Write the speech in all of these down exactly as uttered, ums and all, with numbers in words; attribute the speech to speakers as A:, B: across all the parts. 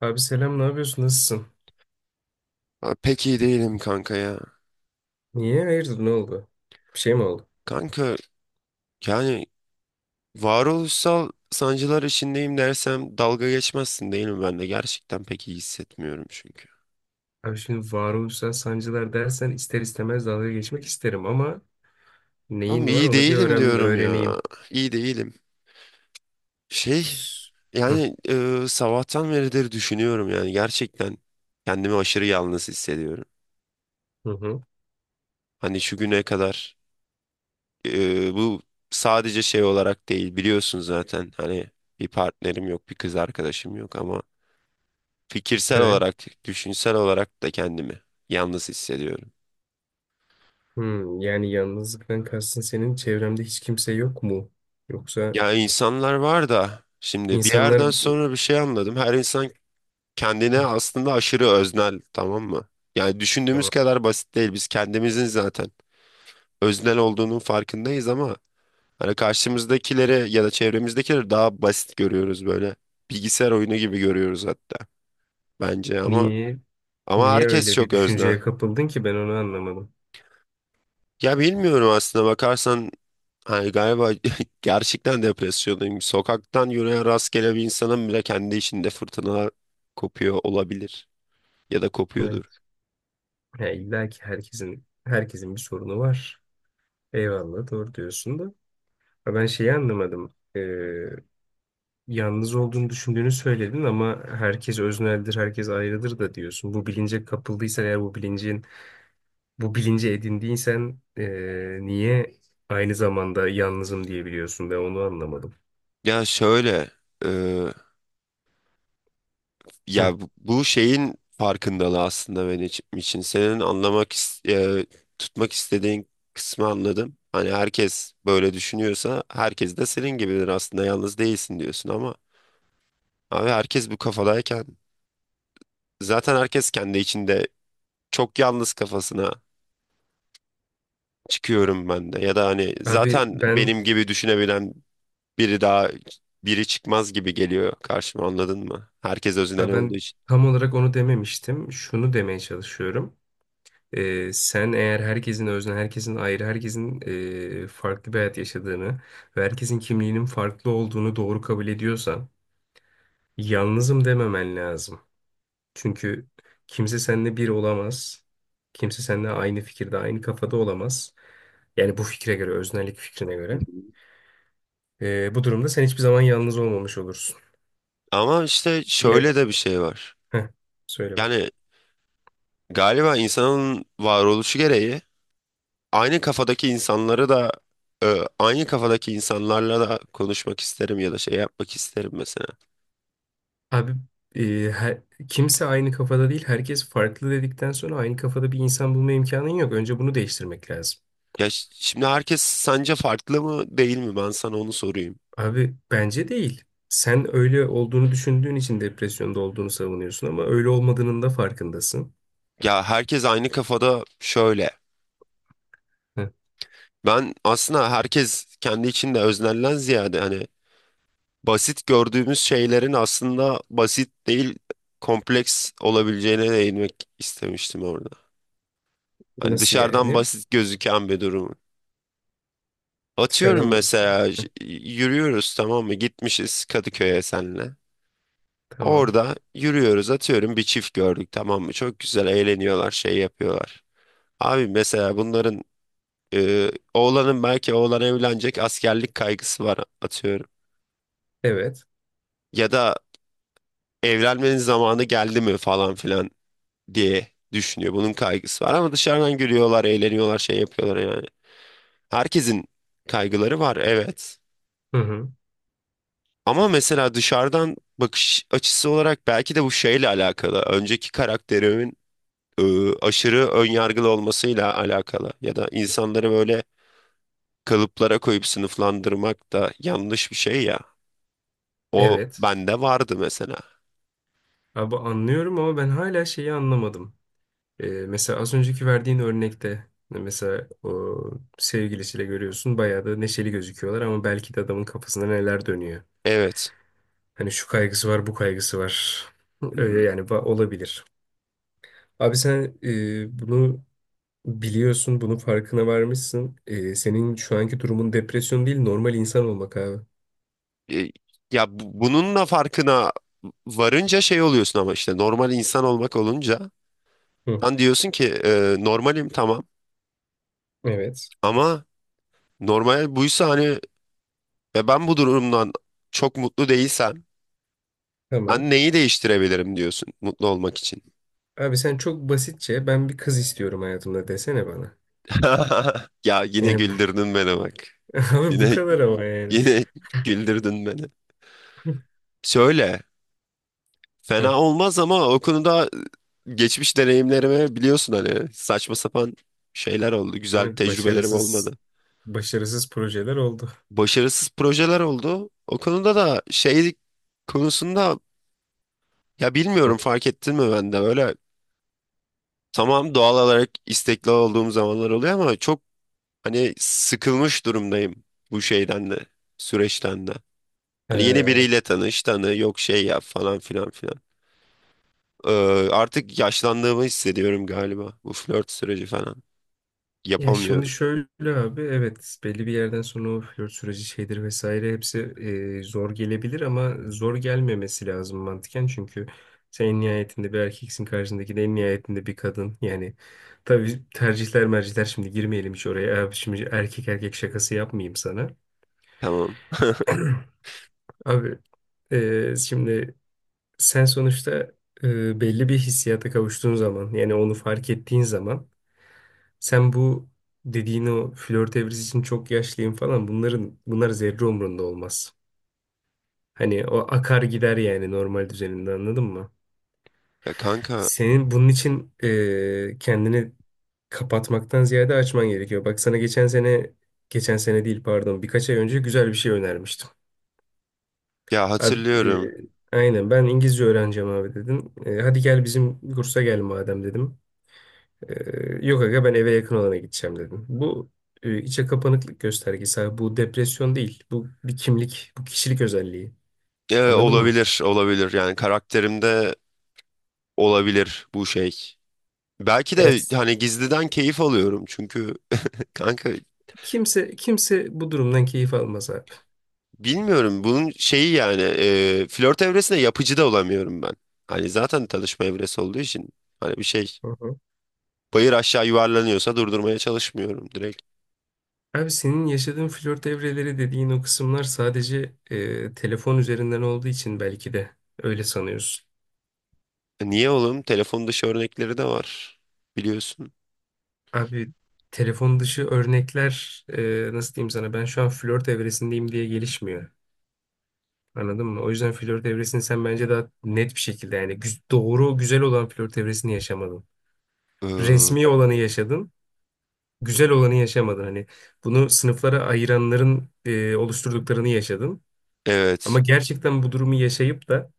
A: Abi selam, ne yapıyorsun? Nasılsın?
B: Ha, pek iyi değilim kanka ya.
A: Niye? Hayırdır, ne oldu? Bir şey mi oldu?
B: Kanka, yani varoluşsal sancılar içindeyim dersem dalga geçmezsin değil mi? Ben de gerçekten pek iyi hissetmiyorum çünkü.
A: Abi şimdi varoluşsal sancılar dersen ister istemez dalga geçmek isterim ama neyin
B: Ama
A: var
B: iyi
A: onu bir
B: değilim
A: öğren
B: diyorum ya.
A: öğreneyim.
B: İyi değilim. Şey
A: S- Hı
B: yani e, Sabahtan beridir düşünüyorum, yani gerçekten kendimi aşırı yalnız hissediyorum.
A: hı. hı.
B: Hani şu güne kadar e, bu sadece şey olarak değil, biliyorsun zaten hani bir partnerim yok, bir kız arkadaşım yok ama fikirsel
A: Evet.
B: olarak, düşünsel olarak da kendimi yalnız hissediyorum.
A: Hmm, yani yalnızlıktan kastın senin çevremde hiç kimse yok mu? Yoksa
B: Ya insanlar var da, şimdi bir
A: insanlar...
B: yerden sonra bir şey anladım. Her insan kendine aslında aşırı öznel, tamam mı? Yani düşündüğümüz
A: Tamam.
B: kadar basit değil. Biz kendimizin zaten öznel olduğunun farkındayız ama hani karşımızdakileri ya da çevremizdekileri daha basit görüyoruz böyle. Bilgisayar oyunu gibi görüyoruz hatta bence, ama
A: Niye?
B: ama
A: Niye
B: herkes
A: öyle bir
B: çok öznel.
A: düşünceye kapıldın ki ben onu anlamadım.
B: Ya bilmiyorum, aslında bakarsan yani galiba gerçekten depresyondayım. Sokaktan yürüyen rastgele bir insanın bile kendi içinde fırtına kopuyor olabilir. Ya da
A: Evet.
B: kopuyordur.
A: Ya illa ki herkesin herkesin bir sorunu var. Eyvallah doğru diyorsun da. Ya ben şeyi anlamadım. Ee, yalnız olduğunu düşündüğünü söyledin ama herkes özneldir, herkes ayrıdır da diyorsun. Bu bilince kapıldıysan eğer bu bilincin, Bu bilinci edindiysen ee, niye aynı zamanda yalnızım diyebiliyorsun? Ben onu anlamadım.
B: Ya şöyle, e,
A: Hı.
B: ya bu bu şeyin farkındalığı aslında benim için. Senin anlamak, is- e, tutmak istediğin kısmı anladım. Hani herkes böyle düşünüyorsa herkes de senin gibidir, aslında yalnız değilsin diyorsun ama abi herkes bu kafadayken zaten herkes kendi içinde çok yalnız kafasına çıkıyorum ben de, ya da hani
A: Abi
B: zaten
A: ben
B: benim gibi düşünebilen biri daha biri çıkmaz gibi geliyor karşıma, anladın mı? Herkes özünden
A: ya
B: olduğu
A: Ben
B: için.
A: tam olarak onu dememiştim. Şunu demeye çalışıyorum. Ee, sen eğer herkesin özne, herkesin ayrı, herkesin ee, farklı bir hayat yaşadığını ve herkesin kimliğinin farklı olduğunu doğru kabul ediyorsan yalnızım dememen lazım. Çünkü kimse seninle bir olamaz. Kimse seninle aynı fikirde, aynı kafada olamaz. Yani bu fikre göre, öznellik fikrine
B: Hı
A: göre.
B: hı.
A: Ee, bu durumda sen hiçbir zaman yalnız olmamış olursun.
B: Ama işte
A: Ya
B: şöyle de bir şey var.
A: Heh, Söyle bak.
B: Yani galiba insanın varoluşu gereği aynı kafadaki insanları da e, aynı kafadaki insanlarla da konuşmak isterim ya da şey yapmak isterim mesela.
A: Abi e, her- kimse aynı kafada değil, herkes farklı dedikten sonra aynı kafada bir insan bulma imkanın yok. Önce bunu değiştirmek lazım.
B: Ya ş- şimdi herkes sence farklı mı değil mi? Ben sana onu sorayım.
A: Abi bence değil. Sen öyle olduğunu düşündüğün için depresyonda olduğunu savunuyorsun ama öyle olmadığının da farkındasın.
B: Ya herkes aynı kafada şöyle.
A: Ee,
B: Ben aslında herkes kendi içinde öznelden ziyade hani basit gördüğümüz şeylerin aslında basit değil, kompleks olabileceğine değinmek istemiştim orada. Hani
A: Nasıl
B: dışarıdan
A: yani?
B: basit gözüken bir durum. Atıyorum
A: Dışarıdan basın.
B: mesela j- yürüyoruz, tamam mı? Gitmişiz Kadıköy'e senle.
A: Tamam.
B: Orada yürüyoruz, atıyorum bir çift gördük, tamam mı? Çok güzel eğleniyorlar, şey yapıyorlar. Abi mesela bunların e, oğlanın belki oğlan evlenecek, askerlik kaygısı var atıyorum.
A: Evet.
B: Ya da evlenmenin zamanı geldi mi falan filan diye düşünüyor. Bunun kaygısı var ama dışarıdan gülüyorlar, eğleniyorlar, şey yapıyorlar yani. Herkesin kaygıları var, evet.
A: Hı hı.
B: Ama mesela dışarıdan bakış açısı olarak belki de bu şeyle alakalı. Önceki karakterimin e, aşırı önyargılı olmasıyla alakalı. Ya da insanları böyle kalıplara koyup sınıflandırmak da yanlış bir şey ya. O
A: Evet.
B: bende vardı mesela.
A: Abi anlıyorum ama ben hala şeyi anlamadım. Ee, mesela az önceki verdiğin örnekte mesela o sevgilisiyle görüyorsun bayağı da neşeli gözüküyorlar ama belki de adamın kafasında neler dönüyor.
B: Evet.
A: Hani şu kaygısı var, bu kaygısı var.
B: Hı hı.
A: Öyle yani ba- olabilir. Abi sen e, bunu biliyorsun, bunun farkına varmışsın. E, senin şu anki durumun depresyon değil, normal insan olmak abi.
B: E, Ya bu- bununla farkına varınca şey oluyorsun ama işte normal insan olmak olunca
A: Hı.
B: sen diyorsun ki e, normalim tamam
A: Evet.
B: ama normal buysa hani ve ben bu durumdan çok mutlu değilsem
A: Tamam.
B: ben neyi değiştirebilirim diyorsun mutlu olmak için.
A: Abi sen çok basitçe ben bir kız istiyorum hayatımda desene bana.
B: Ya yine
A: Yani bu-
B: güldürdün beni bak.
A: Abi bu
B: Yine
A: kadar ama yani.
B: yine güldürdün beni. Söyle.
A: Heh,
B: Fena olmaz ama o konuda geçmiş deneyimlerime biliyorsun hani saçma sapan şeyler oldu. Güzel
A: evet,
B: tecrübelerim
A: başarısız
B: olmadı.
A: başarısız projeler oldu.
B: Başarısız projeler oldu. O konuda da şey konusunda ya bilmiyorum, fark ettin mi, ben de öyle, tamam, doğal olarak istekli olduğum zamanlar oluyor ama çok hani sıkılmış durumdayım bu şeyden de, süreçten de. Hani yeni
A: Ee,
B: biriyle tanış tanı yok şey yap falan filan filan. Ee, Artık yaşlandığımı hissediyorum galiba, bu flört süreci falan.
A: Ya şimdi
B: Yapamıyorum.
A: şöyle abi, evet, belli bir yerden sonra o flört süreci şeydir vesaire hepsi e, zor gelebilir ama zor gelmemesi lazım mantıken çünkü sen en nihayetinde bir erkeksin, karşındaki de en nihayetinde bir kadın. Yani tabii tercihler mercihler şimdi girmeyelim hiç oraya abi, şimdi erkek erkek şakası yapmayayım sana.
B: Tamam.
A: Abi e, şimdi sen sonuçta e, belli bir hissiyata kavuştuğun zaman yani onu fark ettiğin zaman sen bu dediğin o flört evresi için çok yaşlıyım falan bunların bunlar zerre umrunda olmaz. Hani o akar gider yani normal düzeninde, anladın mı?
B: Ya kanka
A: Senin bunun için e, kendini kapatmaktan ziyade açman gerekiyor. Bak sana geçen sene geçen sene değil, pardon, birkaç ay önce güzel bir şey önermiştim.
B: ya,
A: Abi,
B: hatırlıyorum.
A: e, aynen, ben İngilizce öğreneceğim abi dedim. E, hadi gel bizim kursa gel madem dedim. E, yok aga ben eve yakın olana gideceğim dedim. Bu e, içe kapanıklık göstergesi abi. Bu depresyon değil. Bu bir kimlik, bu kişilik özelliği.
B: Ee,
A: Anladın mı?
B: olabilir olabilir yani karakterimde olabilir bu şey. Belki
A: Yani
B: de
A: s-
B: hani gizliden keyif alıyorum çünkü kanka
A: kimse kimse bu durumdan keyif almaz abi.
B: bilmiyorum bunun şeyi yani, e, flört evresinde yapıcı da olamıyorum ben. Hani zaten tanışma evresi olduğu için hani bir şey
A: Hı hı.
B: bayır aşağı yuvarlanıyorsa durdurmaya çalışmıyorum direkt.
A: Abi senin yaşadığın flört evreleri dediğin o kısımlar sadece e, telefon üzerinden olduğu için belki de öyle sanıyorsun.
B: E, Niye oğlum? Telefon dışı örnekleri de var biliyorsun.
A: Abi telefon dışı örnekler e, nasıl diyeyim sana, ben şu an flört evresindeyim diye gelişmiyor. Anladın mı? O yüzden flört evresini sen bence daha net bir şekilde yani güz- doğru güzel olan flört evresini yaşamadın.
B: Ee,
A: Resmi olanı yaşadın, güzel olanı yaşamadın. Hani bunu sınıflara ayıranların e, oluşturduklarını yaşadın.
B: evet.
A: Ama gerçekten bu durumu yaşayıp da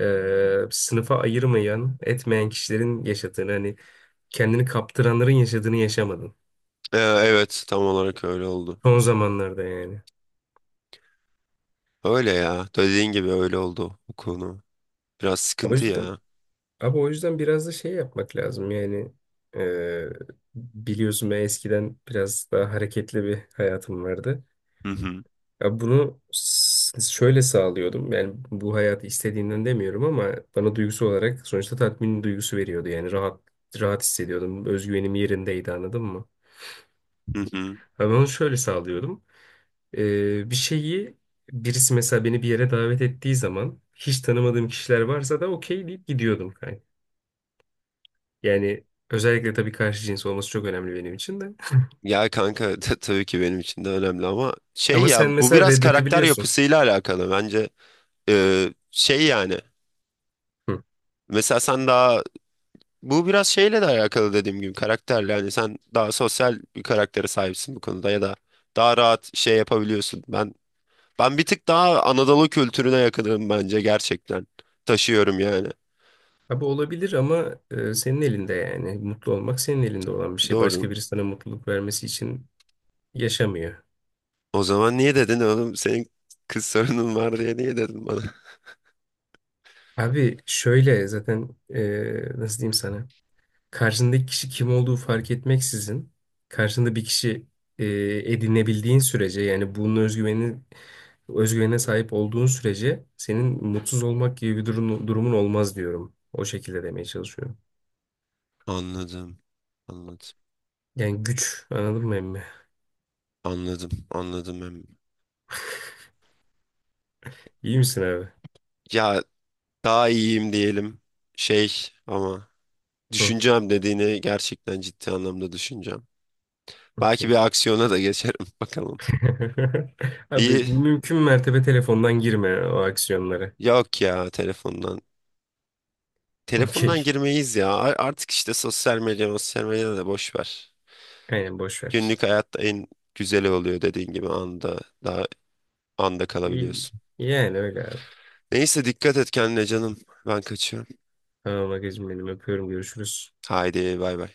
A: e, sınıfa ayırmayan, etmeyen kişilerin yaşadığını, hani kendini kaptıranların yaşadığını yaşamadın.
B: Ee, evet, tam olarak öyle oldu.
A: Son zamanlarda yani.
B: Öyle ya, dediğin gibi öyle oldu bu konu. Biraz
A: O
B: sıkıntı
A: yüzden
B: ya.
A: abi o yüzden biraz da şey yapmak lazım yani eee, biliyorsun ben eskiden biraz daha hareketli bir hayatım vardı.
B: Hı hı.
A: Ya bunu s- şöyle sağlıyordum yani bu hayatı istediğimden demiyorum ama bana duygusu olarak sonuçta tatmin duygusu veriyordu, yani rahat rahat hissediyordum, özgüvenim yerindeydi, anladın mı?
B: Hı hı.
A: Ben onu şöyle sağlıyordum. Eee, bir şeyi Birisi mesela beni bir yere davet ettiği zaman hiç tanımadığım kişiler varsa da okey deyip gidiyordum. Yani özellikle tabii karşı cins olması çok önemli benim için de.
B: Ya kanka ta- tabii ki benim için de önemli ama şey
A: Ama
B: ya
A: sen
B: bu
A: mesela
B: biraz karakter
A: reddedebiliyorsun.
B: yapısıyla alakalı bence. Ee, şey yani
A: Hı.
B: Mesela sen daha, bu biraz şeyle de alakalı dediğim gibi, karakterle yani sen daha sosyal bir karaktere sahipsin bu konuda ya da daha rahat şey yapabiliyorsun, ben ben bir tık daha Anadolu kültürüne yakınım bence gerçekten, taşıyorum yani.
A: Abi olabilir ama e, senin elinde yani. Mutlu olmak senin elinde olan bir şey.
B: Doğru.
A: Başka biri sana mutluluk vermesi için yaşamıyor.
B: O zaman niye dedin oğlum senin kız sorunun var diye, niye dedin bana?
A: Abi şöyle zaten e, nasıl diyeyim sana. Karşındaki kişi kim olduğu fark etmeksizin karşında bir kişi e, edinebildiğin sürece yani bunun özgüveni özgüvene sahip olduğun sürece senin mutsuz olmak gibi bir durum, durumun olmaz diyorum. O şekilde demeye çalışıyorum.
B: Anladım, anladım.
A: Yani güç, anladın mı emmi?
B: Anladım, anladım. Em.
A: İyi misin abi?
B: Ya daha iyiyim diyelim şey ama
A: Hı,
B: düşüneceğim, dediğini gerçekten ciddi anlamda düşüneceğim. Belki bir
A: okey.
B: aksiyona da geçerim bakalım.
A: Abi
B: İyi,
A: mümkün mertebe telefondan girme o aksiyonlara.
B: yok ya, telefondan. Telefondan
A: Okey.
B: girmeyiz ya. A- artık işte sosyal medya, sosyal medya da boş ver.
A: Aynen boş ver.
B: Günlük hayatta en güzeli oluyor, dediğin gibi anda daha anda
A: İyi-
B: kalabiliyorsun.
A: Yani öyle abi.
B: Neyse, dikkat et kendine canım, ben kaçıyorum.
A: Tamam Agacığım benim, öpüyorum, görüşürüz.
B: Haydi bay bay.